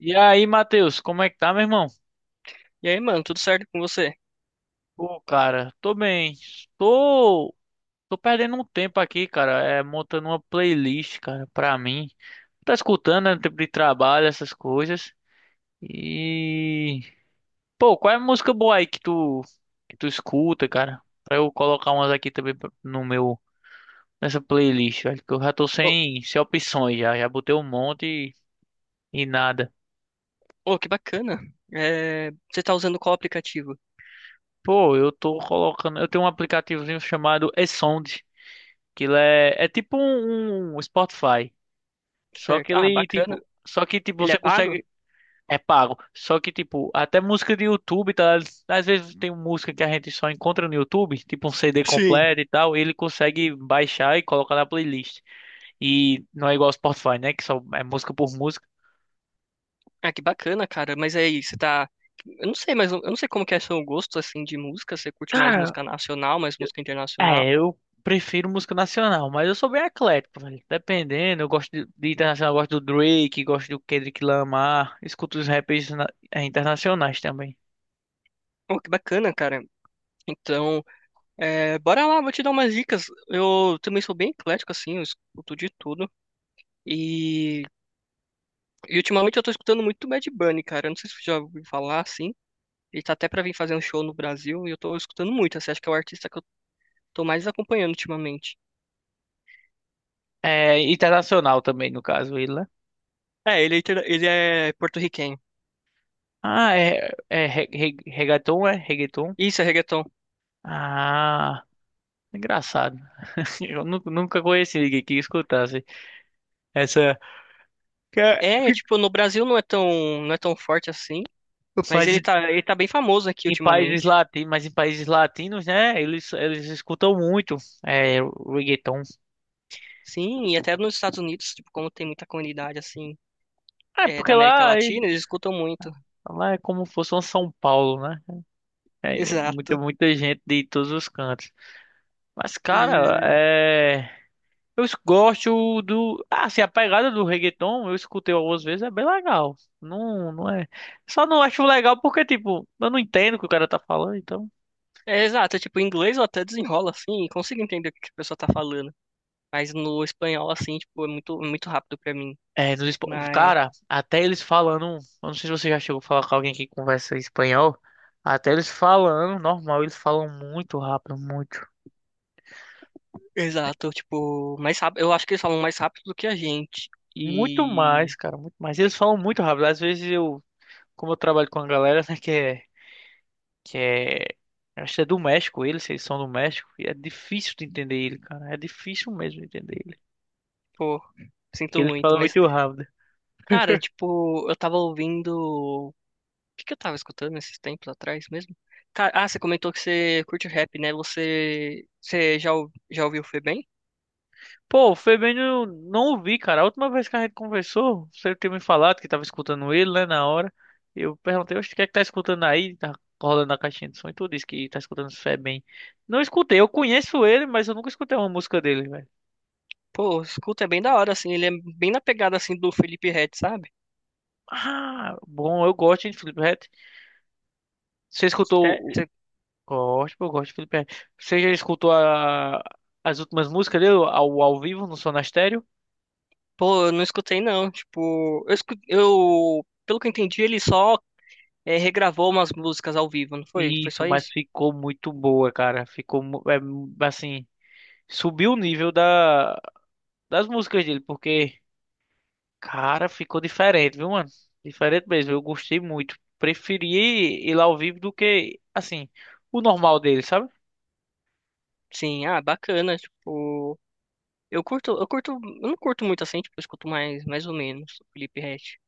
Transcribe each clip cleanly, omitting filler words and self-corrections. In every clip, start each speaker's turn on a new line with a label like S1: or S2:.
S1: E aí, Matheus, como é que tá, meu irmão?
S2: E aí, mano, tudo certo com você?
S1: Pô, cara, tô bem. Tô, tô perdendo um tempo aqui, cara, montando uma playlist, cara, pra mim. Tá escutando, né, no tempo de trabalho, essas coisas. E, Pô, qual é a música boa aí que tu escuta, cara? Pra eu colocar umas aqui também no meu, nessa playlist, velho, que eu já tô
S2: Ô,
S1: sem opções, já, já botei um monte e nada.
S2: ô, que bacana. É, você tá usando qual aplicativo?
S1: Pô, eu tô colocando, eu tenho um aplicativozinho chamado e aquilo é, é tipo um Spotify. Só que
S2: Certo. Ah,
S1: ele,
S2: bacana.
S1: tipo. Só que, tipo,
S2: Ele é
S1: você
S2: pago?
S1: consegue. É pago. Só que, tipo, até música de YouTube, tá? Às vezes tem música que a gente só encontra no YouTube, tipo um CD
S2: Sim.
S1: completo e tal. Ele consegue baixar e colocar na playlist. E não é igual ao Spotify, né? Que só é música por música.
S2: Ah, que bacana, cara. Mas aí, você tá. Eu não sei, mas eu não sei como que é seu gosto, assim, de música. Você curte mais
S1: Cara,
S2: música nacional, mais música internacional?
S1: é, eu prefiro música nacional, mas eu sou bem eclético, velho. Dependendo, eu gosto de internacional, eu gosto do Drake, gosto do Kendrick Lamar, escuto os rappers internacionais também.
S2: Oh, que bacana, cara. Então, é, bora lá, vou te dar umas dicas. Eu também sou bem eclético, assim, eu escuto de tudo. E, e ultimamente eu tô escutando muito Bad Bunny, cara. Eu não sei se você já ouviu falar, assim. Ele tá até pra vir fazer um show no Brasil e eu tô escutando muito. Assim, acho que é o artista que eu tô mais acompanhando ultimamente.
S1: É, internacional também, no caso, ele, né?
S2: É, ele, ele é porto-riquenho.
S1: Ah, é, é, reggaeton, é? Reggaeton?
S2: Isso, é reggaeton.
S1: Ah, engraçado. Eu nunca conheci ninguém que escutasse essa. que é-
S2: É, tipo, no Brasil não é tão, não é tão forte assim, mas
S1: Mas em
S2: ele tá bem famoso aqui
S1: em países
S2: ultimamente.
S1: latinos, mas em países latinos, né? Eles escutam muito, é, reggaeton.
S2: Sim, e até nos Estados Unidos, tipo, como tem muita comunidade, assim,
S1: É,
S2: é, da
S1: porque
S2: América
S1: lá, é-
S2: Latina, eles escutam muito.
S1: Lá é como se fosse um São Paulo, né? É muita,
S2: Exato.
S1: muita gente de todos os cantos. Mas, cara,
S2: E-
S1: é. Gosto do. Ah, assim, a pegada do reggaeton, eu escutei algumas vezes, é bem legal. Não, não é. Só não acho legal porque, tipo, eu não entendo o que o cara tá falando, então.
S2: É, exato, tipo, em inglês eu até desenrolo, assim, e consigo entender o que que a pessoa tá falando. Mas no espanhol, assim, tipo, é muito rápido pra mim.
S1: É,
S2: Mas
S1: cara, até eles falando, eu não sei se você já chegou a falar com alguém que conversa espanhol, até eles falando, normal, eles falam muito rápido, muito,
S2: Exato, tipo, mais rápido. Eu acho que eles falam mais rápido do que a gente.
S1: muito
S2: E,
S1: mais, cara, muito mais. Eles falam muito rápido. Às vezes eu, como eu trabalho com a galera, né, que é, eu acho que é do México, eles são do México, e é difícil de entender ele, cara, é difícil mesmo de entender ele.
S2: pô, sinto
S1: Eles
S2: muito.
S1: falam
S2: Mas,
S1: muito rápido.
S2: cara, tipo, eu tava ouvindo. O que que eu tava escutando esses tempos atrás mesmo? Cara, ah, você comentou que você curte rap, né? Você, já ouviu o Febem?
S1: Pô, foi bem, eu não ouvi, cara. A última vez que a gente conversou, você tinha me falado que tava escutando ele, né, na hora. Eu perguntei, oxe, o que é que tá escutando aí? Tá rolando a caixinha de som e tu disse que tá escutando bem. Não escutei, eu conheço ele, mas eu nunca escutei uma música dele, velho.
S2: Pô, escuta, é bem da hora, assim. Ele é bem na pegada, assim, do Felipe Ret, sabe?
S1: Ah, bom, eu gosto, hein, de Felipe Ret. Você escutou...
S2: Cê-
S1: o-
S2: cê-
S1: Gosto, eu gosto de Felipe Ret. Você já escutou a... as últimas músicas dele ao vivo no Sonastério?
S2: Pô, eu não escutei, não. Tipo, pelo que eu entendi, ele só regravou umas músicas ao vivo, não foi? Foi
S1: Isso,
S2: só
S1: mas
S2: isso?
S1: ficou muito boa, cara. Ficou, assim... subiu o nível da, das músicas dele, porque, cara, ficou diferente, viu, mano? Diferente mesmo, eu gostei muito. Preferi ir lá ao vivo do que, assim, o normal dele, sabe?
S2: Sim, ah, bacana, tipo, eu não curto muito assim, tipo, eu escuto mais, mais ou menos, o Felipe Ret,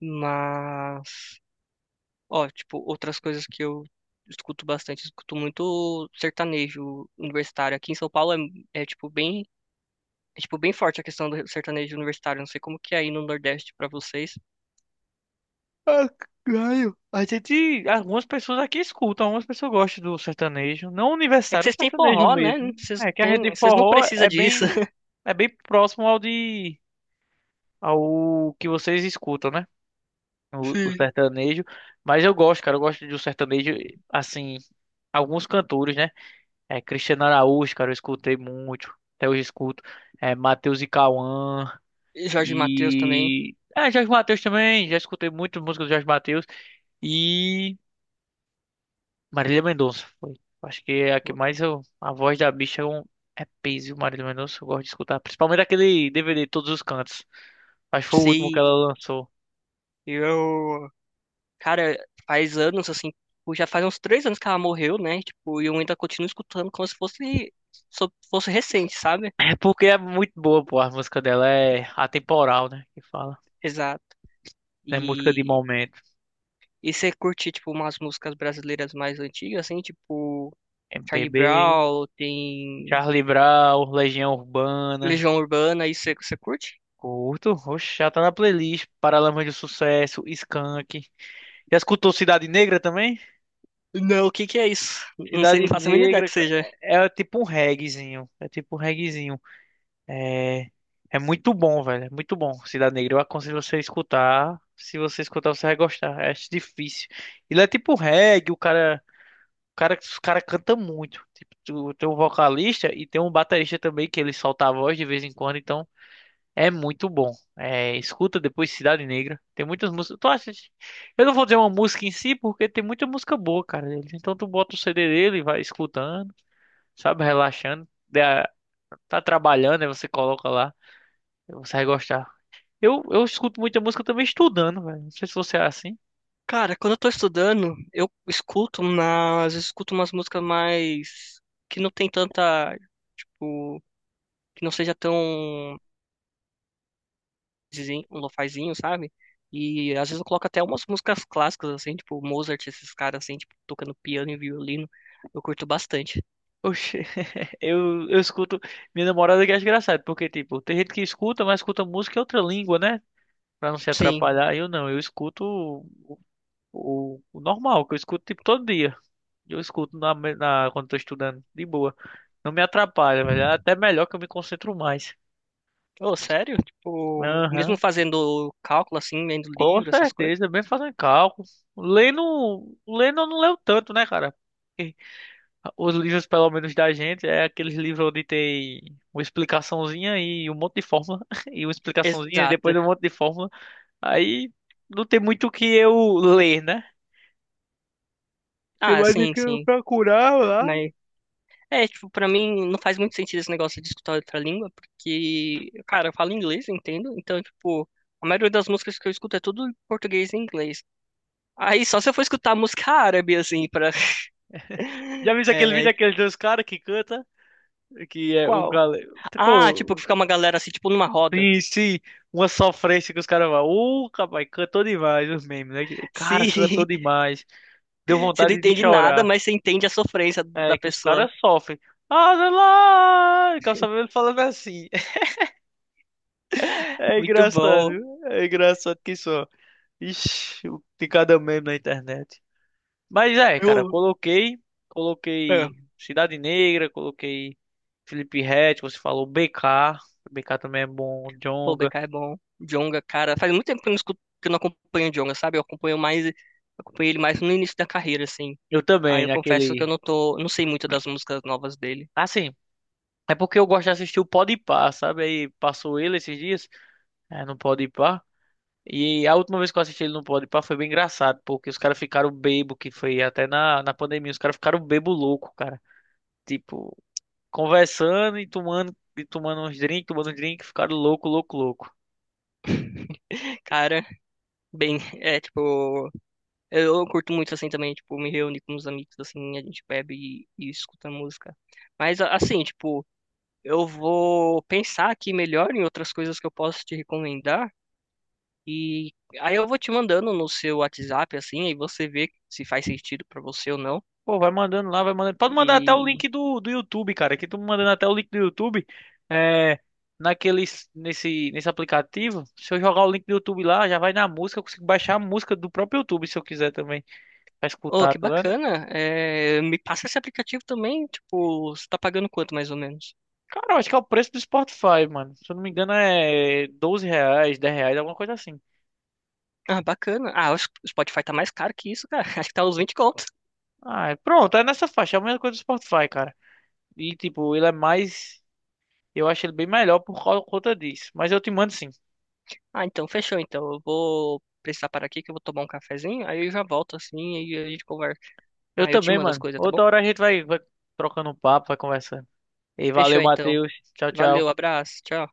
S2: mas, ó, tipo, outras coisas que eu escuto bastante, eu escuto muito sertanejo universitário, aqui em São Paulo é, é tipo, bem, é, tipo, bem forte a questão do sertanejo universitário, não sei como que é aí no Nordeste pra vocês,
S1: Ganho. A gente, algumas pessoas aqui escutam, algumas pessoas gostam do sertanejo, não
S2: é que
S1: universitário, o
S2: vocês têm
S1: sertanejo
S2: forró, né,
S1: mesmo.
S2: vocês
S1: É
S2: não
S1: que a
S2: têm,
S1: rede de
S2: vocês não
S1: forró
S2: precisam disso.
S1: é bem próximo ao ao que vocês escutam, né? O
S2: Sim.
S1: sertanejo, mas eu gosto, cara, eu gosto de um sertanejo, assim, alguns cantores, né? É, Cristiano Araújo, cara, eu escutei muito. Até hoje eu escuto. É, Matheus e Cauã.
S2: E Jorge Mateus também,
S1: E. É, Jorge Mateus também. Já escutei muito música do Jorge Mateus. E. Marília Mendonça. Foi. Acho que é a que mais eu. A voz da bicha é, um... é peso, Marília Mendonça. Eu gosto de escutar. Principalmente aquele DVD, Todos os Cantos. Acho que foi o último que
S2: sim,
S1: ela lançou.
S2: eu cara, faz anos, assim, tipo, já faz uns 3 anos que ela morreu, né? Tipo, e eu ainda continuo escutando como se fosse, fosse recente, sabe?
S1: É porque é muito boa, pô. A música dela é atemporal, né? Que fala.
S2: Exato.
S1: É música de
S2: E,
S1: momento.
S2: e você curte, tipo, umas músicas brasileiras mais antigas, assim, tipo, Charlie
S1: MPB,
S2: Brown, tem
S1: Charlie Brown, Legião Urbana.
S2: Legião Urbana, isso você, você curte?
S1: Curto, oxe, já tá na playlist. Paralamas do Sucesso, Skank. Já escutou Cidade Negra também?
S2: Não, o que que é isso? Não sei, não
S1: Cidade
S2: faço a mínima ideia
S1: Negra
S2: que
S1: ca-
S2: seja.
S1: é, é tipo um reggaezinho. É tipo um reggaezinho. É, é muito bom, velho. É muito bom. Cidade Negra, eu aconselho você a escutar. Se você escutar, você vai gostar. É difícil. Ele é tipo reggae, os cara canta muito. Tipo, tem um vocalista e tem um baterista também que ele solta a voz de vez em quando, então. É muito bom. É, escuta depois Cidade Negra. Tem muitas músicas. Tu acha? Eu não vou dizer uma música em si, porque tem muita música boa, cara, dele. Então tu bota o CD dele e vai escutando, sabe? Relaxando. Tá trabalhando, aí você coloca lá. Você vai gostar. Eu escuto muita música também estudando, velho. Não sei se você é assim.
S2: Cara, quando eu tô estudando, eu escuto, mas eu escuto umas músicas mais que não tem tanta, tipo, que não seja tão lofazinho, um lofazinho, sabe? E às vezes eu coloco até umas músicas clássicas, assim, tipo Mozart, esses caras, assim, tipo, tocando piano e violino. Eu curto bastante.
S1: Oxê. Eu escuto. Minha namorada que é engraçado, porque, tipo, tem gente que escuta, mas escuta música em outra língua, né? Pra não se
S2: Sim.
S1: atrapalhar. Eu não, eu escuto o normal, que eu escuto, tipo, todo dia. Eu escuto na, quando tô estudando, de boa. Não me atrapalha, velho. É até melhor que eu me concentro mais.
S2: Oh, sério? Tipo, mesmo
S1: Aham,
S2: fazendo cálculo, assim, lendo
S1: com
S2: livro, essas coisas?
S1: certeza. Bem fazendo cálculo. Lendo eu não leio tanto, né, cara? Porque os livros, pelo menos da gente, é aqueles livros onde tem uma explicaçãozinha e um monte de fórmula. E uma explicaçãozinha e
S2: Exato.
S1: depois um monte de fórmula. Aí não tem muito o que eu ler, né? Tem
S2: Ah,
S1: mais o
S2: sim,
S1: que eu
S2: sim.
S1: procurar lá.
S2: Né? É, tipo, pra mim não faz muito sentido esse negócio de escutar outra língua, porque, cara, eu falo inglês, entendo? Então, tipo, a maioria das músicas que eu escuto é tudo em português e inglês. Aí só se eu for escutar música árabe, assim, pra.
S1: Já viu aquele vídeo
S2: É, tipo,
S1: daqueles dois caras que canta? Que é um
S2: qual?
S1: galego.
S2: Ah, tipo, que
S1: Tipo,
S2: fica uma galera assim, tipo, numa roda.
S1: sim, sim. Uma sofrência que os caras vão. Rapaz, cantou demais os memes, né? Cara, cantou
S2: Sim,
S1: demais. Deu
S2: você não
S1: vontade de
S2: entende nada,
S1: chorar.
S2: mas você entende a sofrência
S1: É
S2: da
S1: que os
S2: pessoa.
S1: caras sofrem. Ah, lá! Calça falando assim. É
S2: Muito
S1: engraçado.
S2: bom.
S1: É engraçado que só. Ixi, de cada meme na internet. Mas é, cara,
S2: Eu...
S1: coloquei.
S2: É.
S1: Coloquei Cidade Negra, coloquei Felipe Ret, você falou BK. BK também é bom,
S2: Pô, o
S1: Djonga.
S2: BK é bom. Djonga, cara, faz muito tempo que eu não escuto, que eu não acompanho o Djonga, sabe? Eu acompanho mais, acompanhei ele mais no início da carreira, assim.
S1: Eu
S2: Aí
S1: também,
S2: eu confesso que eu
S1: naquele.
S2: não tô, não sei muito das músicas novas dele.
S1: Assim. É porque eu gosto de assistir o Podpah, sabe? Aí passou ele esses dias, é, no Podpah. E a última vez que eu assisti ele no Podpah foi bem engraçado, porque os caras ficaram bebo, que foi até na pandemia, os caras ficaram bebo louco, cara. Tipo, conversando e tomando, tomando uns drinks, ficaram louco, louco, louco.
S2: Cara, bem, é tipo, eu curto muito assim também, tipo, me reúno com os amigos assim, a gente bebe e escuta música. Mas assim, tipo, eu vou pensar aqui melhor em outras coisas que eu posso te recomendar e aí eu vou te mandando no seu WhatsApp assim, aí você vê se faz sentido pra você ou não.
S1: Pô, vai mandando lá, vai mandando. Pode mandar até o
S2: E
S1: link do YouTube, cara. Aqui tu mandando até o link do YouTube. É, nesse aplicativo. Se eu jogar o link do YouTube lá, já vai na música. Eu consigo baixar a música do próprio YouTube se eu quiser também. Pra
S2: oh,
S1: escutar,
S2: que
S1: tá vendo?
S2: bacana! É, me passa esse aplicativo também, tipo, você tá pagando quanto mais ou menos?
S1: Cara, eu acho que é o preço do Spotify, mano. Se eu não me engano, é R$ 12, R$ 10, alguma coisa assim.
S2: Ah, bacana. Ah, acho que o Spotify tá mais caro que isso, cara. Acho que tá uns 20 contos.
S1: Pronto, é nessa faixa. É a mesma coisa do Spotify, cara. E, tipo, ele é mais. Eu acho ele bem melhor conta disso. Mas eu te mando sim.
S2: Ah, então fechou. Então eu vou precisar parar aqui que eu vou tomar um cafezinho, aí eu já volto assim e a gente conversa.
S1: Eu
S2: Ah, eu te
S1: também,
S2: mando as
S1: mano.
S2: coisas, tá bom?
S1: Outra hora a gente vai trocando um papo, vai conversando. E valeu,
S2: Fechou então.
S1: Matheus. Tchau,
S2: Valeu,
S1: tchau.
S2: abraço, tchau.